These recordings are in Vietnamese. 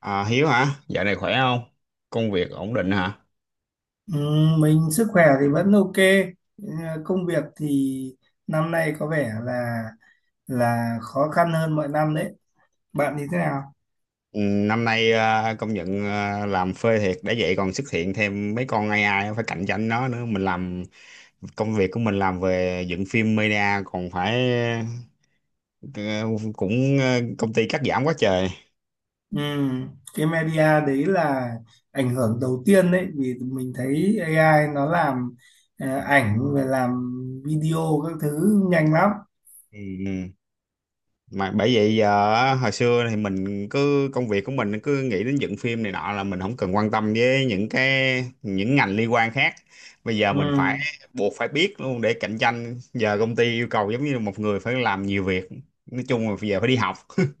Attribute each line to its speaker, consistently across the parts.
Speaker 1: À, Hiếu hả? Dạo này khỏe không? Công việc ổn định hả?
Speaker 2: Ừ, mình sức khỏe thì vẫn ok. Ừ, công việc thì năm nay có vẻ là khó khăn hơn mọi năm đấy. Bạn thì thế nào?
Speaker 1: Ừ, năm nay công nhận làm phê thiệt để vậy còn xuất hiện thêm mấy con AI phải cạnh tranh nó nữa. Mình làm Công việc của mình làm về dựng phim media còn phải, ờ, cũng, công ty cắt giảm quá trời.
Speaker 2: Ừ, cái media đấy là ảnh hưởng đầu tiên đấy, vì mình thấy AI nó làm ảnh và làm video các thứ nhanh lắm.
Speaker 1: Ừ. Mà bởi vậy giờ, hồi xưa thì mình cứ công việc của mình cứ nghĩ đến dựng phim này nọ là mình không cần quan tâm với những cái, những ngành liên quan khác. Bây giờ mình phải,
Speaker 2: Ừ,
Speaker 1: buộc phải biết luôn để cạnh tranh. Giờ công ty yêu cầu giống như một người phải làm nhiều việc, nói chung là bây giờ phải đi học.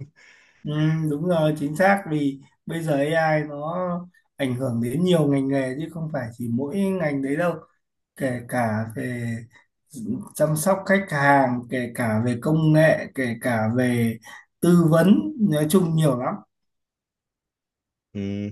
Speaker 2: ừ, đúng rồi, chính xác. Vì bây giờ AI nó ảnh hưởng đến nhiều ngành nghề chứ không phải chỉ mỗi ngành đấy đâu. Kể cả về chăm sóc khách hàng, kể cả về công nghệ, kể cả về tư vấn, nói chung nhiều lắm.
Speaker 1: Ừ.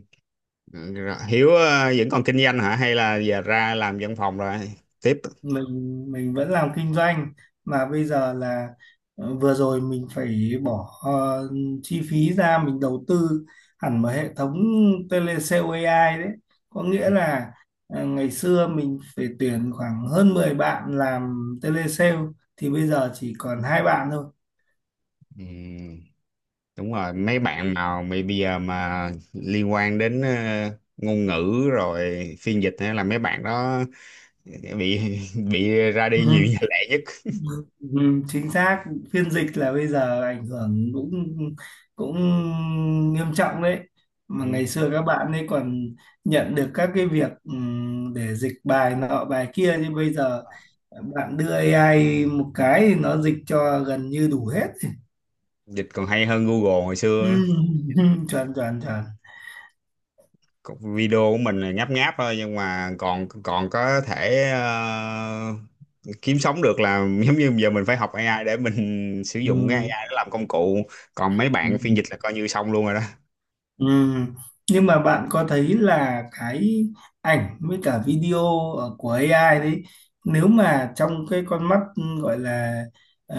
Speaker 1: Rồi, Hiếu vẫn còn kinh doanh hả, hay là giờ ra làm văn phòng rồi tiếp?
Speaker 2: Mình mình vẫn làm kinh doanh. Mà bây giờ là vừa rồi mình phải bỏ chi phí ra, mình đầu tư hẳn một hệ thống telesale AI đấy. Có nghĩa
Speaker 1: Ừ.
Speaker 2: là ngày xưa mình phải tuyển khoảng hơn 10 bạn làm telesale, thì bây giờ chỉ còn 2 bạn thôi.
Speaker 1: Ừ, đúng rồi, mấy bạn mà mày bây giờ mà liên quan đến ngôn ngữ rồi phiên dịch hay là mấy bạn đó bị bị ra đi
Speaker 2: Ừ.
Speaker 1: nhiều nhà lẻ nhất.
Speaker 2: Ừ, chính xác. Phiên dịch là bây giờ ảnh hưởng cũng cũng nghiêm trọng đấy. Mà
Speaker 1: Ừ.
Speaker 2: ngày xưa các bạn ấy còn nhận được các cái việc để dịch bài nọ bài kia, nhưng bây giờ bạn đưa AI một cái thì nó dịch cho gần như đủ hết.
Speaker 1: Dịch còn hay hơn Google hồi xưa
Speaker 2: Ừ,
Speaker 1: nữa.
Speaker 2: chuẩn chuẩn chuẩn.
Speaker 1: Còn video của mình là nháp nháp thôi, nhưng mà còn còn có thể, kiếm sống được là, giống như giờ mình phải học AI để mình sử dụng cái AI để làm công cụ, còn mấy
Speaker 2: Ừ.
Speaker 1: bạn phiên dịch là coi như xong luôn rồi đó.
Speaker 2: Ừm, nhưng mà bạn có thấy là cái ảnh với cả video của AI đấy, nếu mà trong cái con mắt gọi là ờ,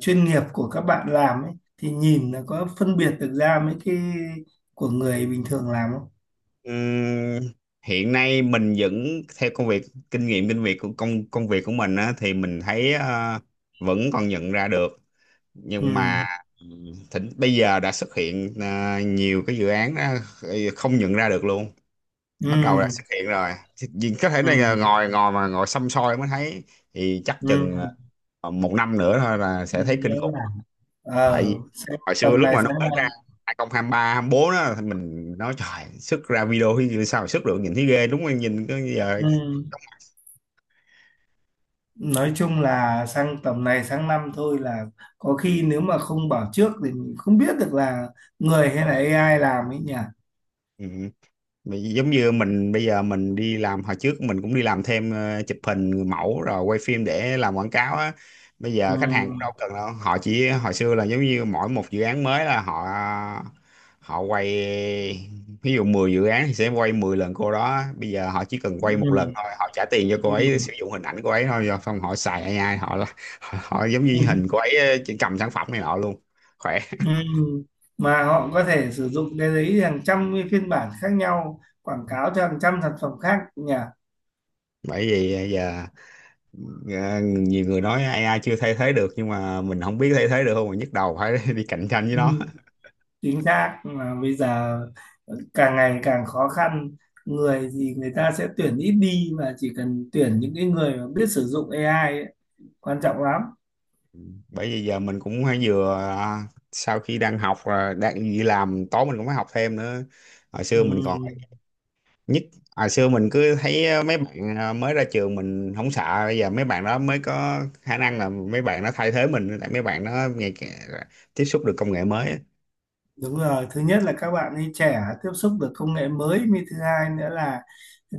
Speaker 2: chuyên nghiệp của các bạn làm ấy, thì nhìn nó có phân biệt được ra mấy cái của người bình thường làm không?
Speaker 1: Ừm, Hiện nay mình vẫn theo công việc, kinh nghiệm kinh việc của công công việc của mình á, thì mình thấy vẫn còn nhận ra được,
Speaker 2: Ừ,
Speaker 1: nhưng mà bây giờ đã xuất hiện nhiều cái dự án đó, không nhận ra được luôn,
Speaker 2: ừ,
Speaker 1: bắt đầu đã xuất hiện rồi. Thì vì có thể này là
Speaker 2: ừ,
Speaker 1: ngồi ngồi mà ngồi xăm soi mới thấy, thì chắc chừng
Speaker 2: ừ.
Speaker 1: một năm nữa thôi là sẽ thấy
Speaker 2: Nghĩa
Speaker 1: kinh khủng.
Speaker 2: là
Speaker 1: Tại vì
Speaker 2: xem
Speaker 1: hồi xưa
Speaker 2: tầm
Speaker 1: lúc
Speaker 2: này
Speaker 1: mà nó
Speaker 2: sáng
Speaker 1: mới ra 2023, bốn đó thì mình nói trời, sức ra video thì sao mà xuất được, nhìn thấy ghê đúng không, nhìn có giờ.
Speaker 2: mai. Nói chung là sang tầm này sang năm thôi là có khi nếu mà không bảo trước thì mình không biết được là người hay là AI làm ấy nhỉ.
Speaker 1: Ừ. Vì giống như mình bây giờ mình đi làm, hồi trước mình cũng đi làm thêm chụp hình người mẫu rồi quay phim để làm quảng cáo á. Bây
Speaker 2: Ừ,
Speaker 1: giờ khách hàng cũng đâu cần đâu, họ chỉ, hồi xưa là giống như mỗi một dự án mới là họ họ quay, ví dụ 10 dự án thì sẽ quay 10 lần cô đó, bây giờ họ chỉ cần quay một lần
Speaker 2: ừ,
Speaker 1: thôi, họ trả tiền cho cô ấy
Speaker 2: ừ,
Speaker 1: sử dụng hình ảnh cô ấy thôi, rồi xong họ xài AI, họ họ, họ giống
Speaker 2: ừ.
Speaker 1: như hình cô ấy chỉ cầm sản phẩm này nọ luôn, khỏe.
Speaker 2: Ừ. Mà họ có thể sử dụng cái đấy hàng trăm cái phiên bản khác nhau quảng cáo cho hàng trăm sản phẩm khác nhỉ.
Speaker 1: Bởi vì giờ, dạ, nhiều người nói AI chưa thay thế được, nhưng mà mình không biết thay thế được không mà nhức đầu phải đi cạnh tranh với
Speaker 2: Ừ,
Speaker 1: nó.
Speaker 2: chính xác. Mà bây giờ càng ngày càng khó khăn, người thì người ta sẽ tuyển ít đi, mà chỉ cần tuyển những cái người mà biết sử dụng AI ấy, quan trọng lắm.
Speaker 1: Bởi vì giờ mình cũng hay vừa, sau khi đang học, đang đi làm tối mình cũng phải học thêm nữa. Hồi
Speaker 2: Ừ.
Speaker 1: xưa mình còn nhất, hồi xưa mình cứ thấy mấy bạn, mới ra trường mình không sợ, bây giờ mấy bạn đó mới có khả năng là mấy bạn nó thay thế mình, tại mấy bạn nó ngày càng tiếp xúc được công nghệ mới á.
Speaker 2: Đúng rồi, thứ nhất là các bạn ấy trẻ, tiếp xúc được công nghệ mới. Thứ hai nữa là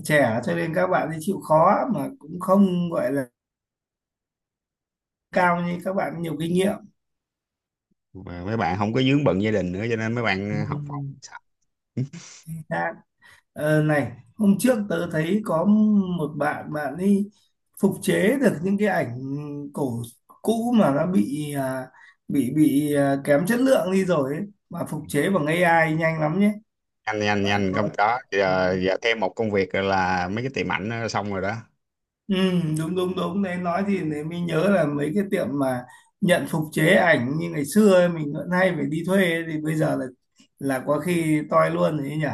Speaker 2: trẻ cho nên các bạn ấy chịu khó, mà cũng không gọi là cao như các bạn nhiều kinh nghiệm.
Speaker 1: Mà mấy bạn không có vướng bận gia đình nữa cho nên mấy bạn học học
Speaker 2: Ừ. Chính xác. Ờ, này, hôm trước tớ thấy có một bạn bạn ấy phục chế được những cái ảnh cổ cũ, mà nó bị à, bị bị à, kém chất lượng đi rồi ấy, mà phục chế bằng AI nhanh lắm nhé.
Speaker 1: nhanh nhanh
Speaker 2: Bạn
Speaker 1: nhanh, không
Speaker 2: có.
Speaker 1: có
Speaker 2: Ừ.
Speaker 1: giờ, giờ thêm một công việc là mấy cái tiệm ảnh nó xong rồi đó.
Speaker 2: Ừ, đúng đúng đúng đấy, nói thì để mình nhớ là mấy cái tiệm mà nhận phục chế ảnh như ngày xưa ấy, mình vẫn hay phải đi thuê ấy, thì bây giờ là có khi toi luôn đấy nhỉ.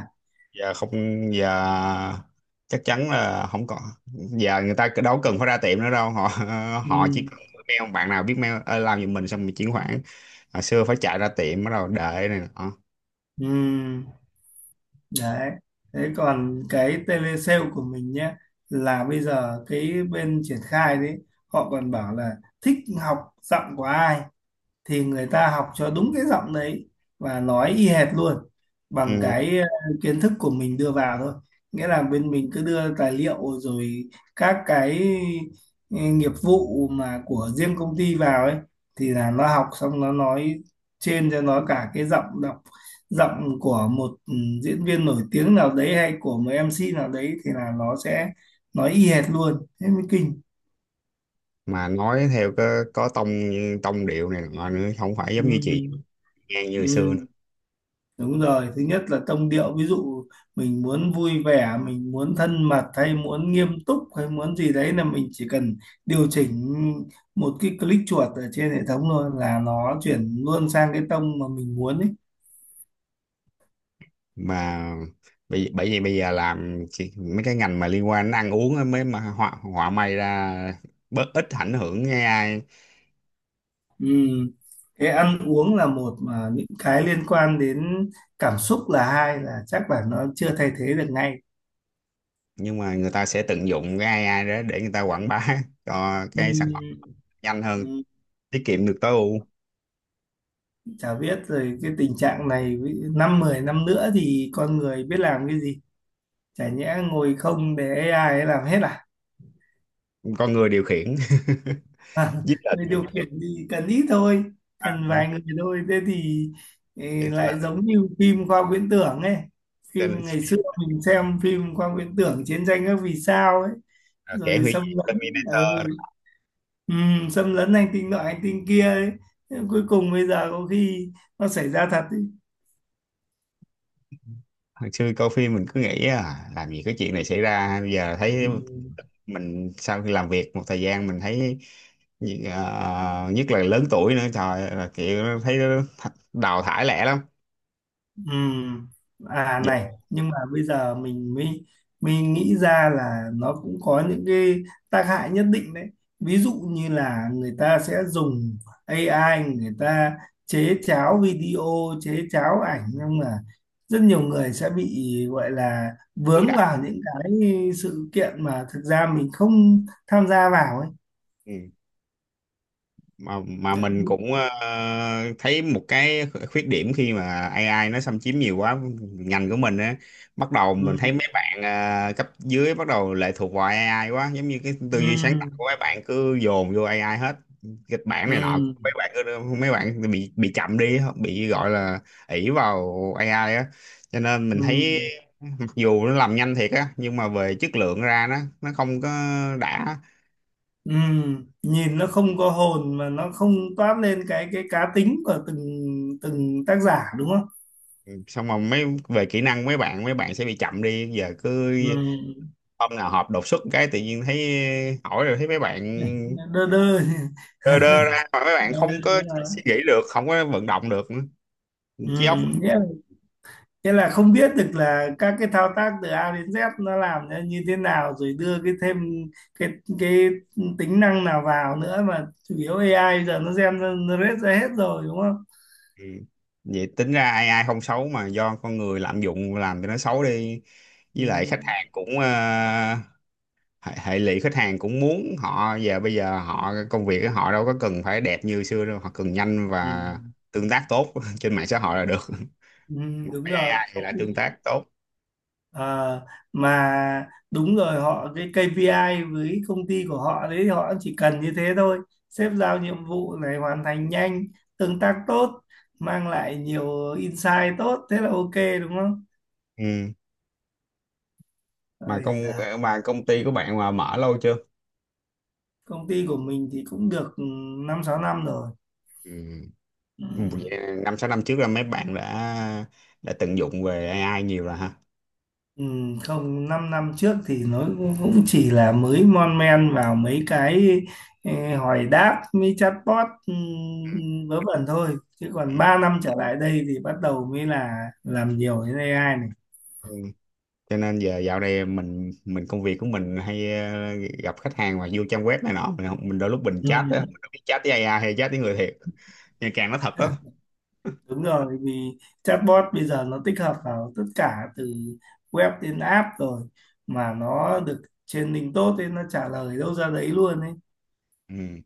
Speaker 1: Giờ không, giờ chắc chắn là không có, giờ người ta đâu cần phải ra tiệm nữa đâu, họ họ chỉ
Speaker 2: Ừ,
Speaker 1: cần mail, bạn nào biết mail làm giùm mình xong mình chuyển khoản, hồi xưa phải chạy ra tiệm bắt đầu đợi này nọ.
Speaker 2: ừ, đấy. Thế còn cái telesale của mình nhé, là bây giờ cái bên triển khai đấy, họ còn bảo là thích học giọng của ai thì người ta học cho đúng cái giọng đấy và nói y hệt luôn bằng
Speaker 1: Ừ.
Speaker 2: cái kiến thức của mình đưa vào thôi. Nghĩa là bên mình cứ đưa tài liệu rồi các cái nghiệp vụ mà của riêng công ty vào ấy, thì là nó học xong nó nói trên cho nó cả cái giọng đọc, giọng của một diễn viên nổi tiếng nào đấy hay của một MC nào đấy, thì là nó sẽ nói y hệt luôn, thế mới kinh.
Speaker 1: Mà nói theo có tông tông điệu này nọ nữa, không phải giống như chị
Speaker 2: Ừ.
Speaker 1: nghe như hồi xưa
Speaker 2: Ừ.
Speaker 1: nữa.
Speaker 2: Đúng rồi, thứ nhất là tông điệu, ví dụ mình muốn vui vẻ, mình muốn thân mật hay muốn nghiêm túc hay muốn gì đấy, là mình chỉ cần điều chỉnh một cái click chuột ở trên hệ thống thôi là nó chuyển luôn sang cái tông mà mình muốn ấy.
Speaker 1: Mà bởi bởi vì bây giờ làm mấy cái ngành mà liên quan đến ăn uống á mới, mà họa họa may ra bớt ít ảnh hưởng cái AI.
Speaker 2: Ừ. Cái ăn uống là một, mà những cái liên quan đến cảm xúc là hai, là chắc là nó chưa thay thế được ngay.
Speaker 1: Nhưng mà người ta sẽ tận dụng cái AI đó để người ta quảng bá cho
Speaker 2: Ừ.
Speaker 1: cái sản phẩm nhanh hơn,
Speaker 2: Ừ.
Speaker 1: tiết kiệm được, tối ưu.
Speaker 2: Chả biết rồi cái tình trạng này năm 10 năm nữa thì con người biết làm cái gì. Chả nhẽ ngồi không để AI ấy làm hết à?
Speaker 1: Con người điều khiển. Giết
Speaker 2: Người
Speaker 1: lệnh,
Speaker 2: điều khiển thì cần ít thôi,
Speaker 1: à,
Speaker 2: cần vài người thôi, thế thì
Speaker 1: cho nên,
Speaker 2: lại giống như phim khoa học viễn tưởng ấy.
Speaker 1: cho
Speaker 2: Phim
Speaker 1: nên
Speaker 2: ngày xưa
Speaker 1: phim,
Speaker 2: mình xem phim khoa học viễn tưởng Chiến Tranh Các Vì Sao ấy,
Speaker 1: kẻ
Speaker 2: rồi
Speaker 1: hủy
Speaker 2: xâm
Speaker 1: diệt
Speaker 2: lấn, ừ,
Speaker 1: Terminator.
Speaker 2: ừ, xâm lấn hành tinh nọ hành tinh kia ấy. Thế cuối cùng bây giờ có khi nó xảy ra thật ấy.
Speaker 1: Hồi xưa coi phim mình cứ nghĩ làm gì cái chuyện này xảy ra, bây giờ
Speaker 2: Ừ.
Speaker 1: thấy mình, sau khi làm việc một thời gian mình thấy, nhất là lớn tuổi nữa, trời ơi, là kiểu thấy nó đào thải lẻ lắm.
Speaker 2: Ừm, à
Speaker 1: Giờ
Speaker 2: này, nhưng mà bây giờ mình mới nghĩ ra là nó cũng có những cái tác hại nhất định đấy, ví dụ như là người ta sẽ dùng AI, người ta chế cháo video, chế cháo ảnh, nhưng mà rất nhiều người sẽ bị gọi là
Speaker 1: lừa
Speaker 2: vướng vào
Speaker 1: đảo.
Speaker 2: những cái sự kiện mà thực ra mình không tham gia vào ấy.
Speaker 1: Ừ. Mà mình cũng thấy một cái khuyết điểm khi mà AI nó xâm chiếm nhiều quá ngành của mình á. Bắt đầu mình
Speaker 2: Ừm,
Speaker 1: thấy mấy bạn cấp dưới bắt đầu lệ thuộc vào AI quá, giống như cái tư duy sáng tạo
Speaker 2: ừm,
Speaker 1: của mấy bạn cứ dồn vô AI hết, kịch bản này nọ
Speaker 2: ừm,
Speaker 1: mấy bạn cứ, mấy bạn bị chậm đi, bị gọi là ỷ vào AI á, cho nên mình thấy
Speaker 2: ừm.
Speaker 1: mặc dù nó làm nhanh thiệt á nhưng mà về chất lượng ra nó không có đã.
Speaker 2: ừm. Nhìn nó không có hồn, mà nó không toát lên cái cá tính của từng từng tác giả đúng không?
Speaker 1: Xong rồi mấy về kỹ năng mấy bạn, mấy bạn sẽ bị chậm đi, giờ cứ
Speaker 2: Ừm.
Speaker 1: hôm nào họp đột xuất cái tự nhiên thấy hỏi, rồi thấy mấy bạn
Speaker 2: Đơ đơ.
Speaker 1: đơ đơ ra mà mấy bạn
Speaker 2: Đó,
Speaker 1: không có
Speaker 2: đúng rồi.
Speaker 1: suy nghĩ được, không có vận động được nữa.
Speaker 2: Ừ.
Speaker 1: Trí óc.
Speaker 2: Nghĩa, nghĩa là không biết được là các cái thao tác từ A đến Z nó làm ra như thế nào rồi đưa cái thêm cái cái tính năng nào vào nữa, mà chủ yếu AI giờ nó generate ra hết rồi đúng không?
Speaker 1: Ừ. Vậy tính ra AI, AI không xấu mà do con người lạm dụng làm cho nó xấu đi. Với lại khách
Speaker 2: Ừm.
Speaker 1: hàng cũng hệ lụy, khách hàng cũng muốn họ giờ, bây giờ họ công việc của họ đâu có cần phải đẹp như xưa đâu, họ cần nhanh
Speaker 2: Ừ.
Speaker 1: và tương tác tốt trên mạng xã hội là được.
Speaker 2: Ừ, đúng
Speaker 1: Với
Speaker 2: rồi.
Speaker 1: AI thì lại tương tác tốt.
Speaker 2: Ờ, mà đúng rồi, họ cái KPI với công ty của họ đấy, họ chỉ cần như thế thôi. Sếp giao nhiệm vụ này, hoàn thành nhanh, tương tác tốt, mang lại nhiều insight tốt, thế là ok, đúng không?
Speaker 1: Ừ. mà
Speaker 2: Ây
Speaker 1: công
Speaker 2: da,
Speaker 1: mà công ty của bạn mà mở lâu chưa?
Speaker 2: công ty của mình thì cũng được, ừ, 5 6 năm rồi.
Speaker 1: Ừ.
Speaker 2: Ừ.
Speaker 1: Vậy năm sáu năm trước là mấy bạn đã, tận dụng về AI nhiều rồi ha?
Speaker 2: Ừ, không, 5 năm năm trước thì nó cũng cũng chỉ là mới mon men vào mấy cái hỏi đáp mấy chatbot ừ,
Speaker 1: Ừ.
Speaker 2: vớ vẩn thôi, chứ
Speaker 1: Ừ.
Speaker 2: còn 3 năm trở lại đây thì bắt đầu mới là làm nhiều đến AI này.
Speaker 1: Ừ. Cho nên giờ dạo này mình công việc của mình hay gặp khách hàng mà vô trang web này nọ mình không, mình đôi lúc mình
Speaker 2: Ừ,
Speaker 1: chat á, mình không biết chat với AI hay chat với người thiệt, nhưng càng nó thật đó.
Speaker 2: đúng rồi, vì chatbot bây giờ nó tích hợp vào tất cả từ web đến app rồi, mà nó được training tốt nên nó trả lời đâu ra đấy luôn ấy.
Speaker 1: Ừ.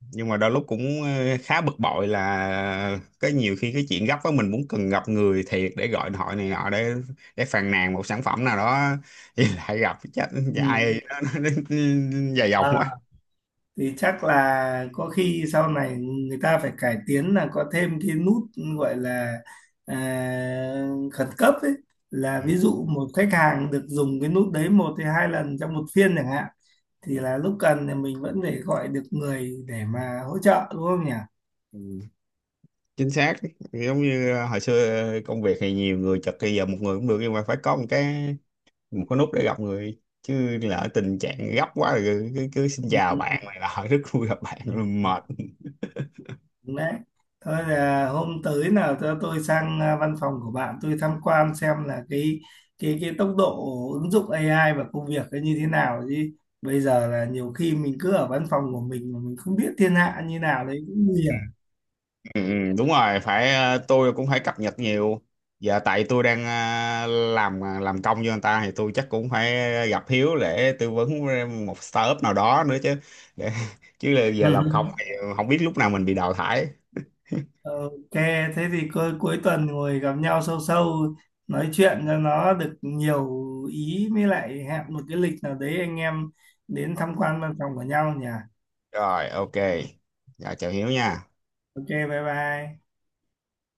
Speaker 1: Nhưng mà đôi lúc cũng khá bực bội là cái, nhiều khi cái chuyện gấp á mình muốn cần gặp người thiệt để gọi điện thoại này nọ để phàn nàn một sản phẩm nào đó thì lại gặp chắc
Speaker 2: Ừ.
Speaker 1: ai nó dài dòng quá.
Speaker 2: À, thì chắc là có khi sau này người ta phải cải tiến là có thêm cái nút gọi là à, khẩn cấp ấy, là
Speaker 1: Ừ.
Speaker 2: ví dụ một khách hàng được dùng cái nút đấy một hay hai lần trong một phiên chẳng hạn, thì là lúc cần thì mình vẫn phải gọi được người để mà hỗ trợ đúng không nhỉ?
Speaker 1: Ừ, chính xác. Giống như hồi xưa công việc thì nhiều người chật, bây giờ một người cũng được, nhưng mà phải có một cái, một cái nút để gặp người chứ, lỡ tình trạng gấp quá rồi cứ xin chào bạn này là rất vui gặp bạn
Speaker 2: Ừ.
Speaker 1: rồi mệt.
Speaker 2: Đấy. Thôi là hôm tới nào cho tôi sang văn phòng của bạn, tôi tham quan xem là cái tốc độ ứng dụng AI vào công việc nó như thế nào chứ. Bây giờ là nhiều khi mình cứ ở văn phòng của mình mà mình không biết thiên hạ như nào đấy cũng nguy hiểm.
Speaker 1: Ừ, ừ, đúng rồi phải, tôi cũng phải cập nhật nhiều. Giờ tại tôi đang, làm công cho người ta thì tôi chắc cũng phải gặp Hiếu để tư vấn một startup nào đó nữa chứ, để, chứ là giờ làm không thì không biết lúc nào mình bị đào thải.
Speaker 2: Ok, thế thì cuối cuối tuần ngồi gặp nhau sâu sâu nói chuyện cho nó được nhiều ý, mới lại hẹn một cái lịch nào đấy, anh em đến tham quan văn phòng của nhau nhỉ.
Speaker 1: Rồi, ok, dạ chào Hiếu nha.
Speaker 2: Ok, bye bye.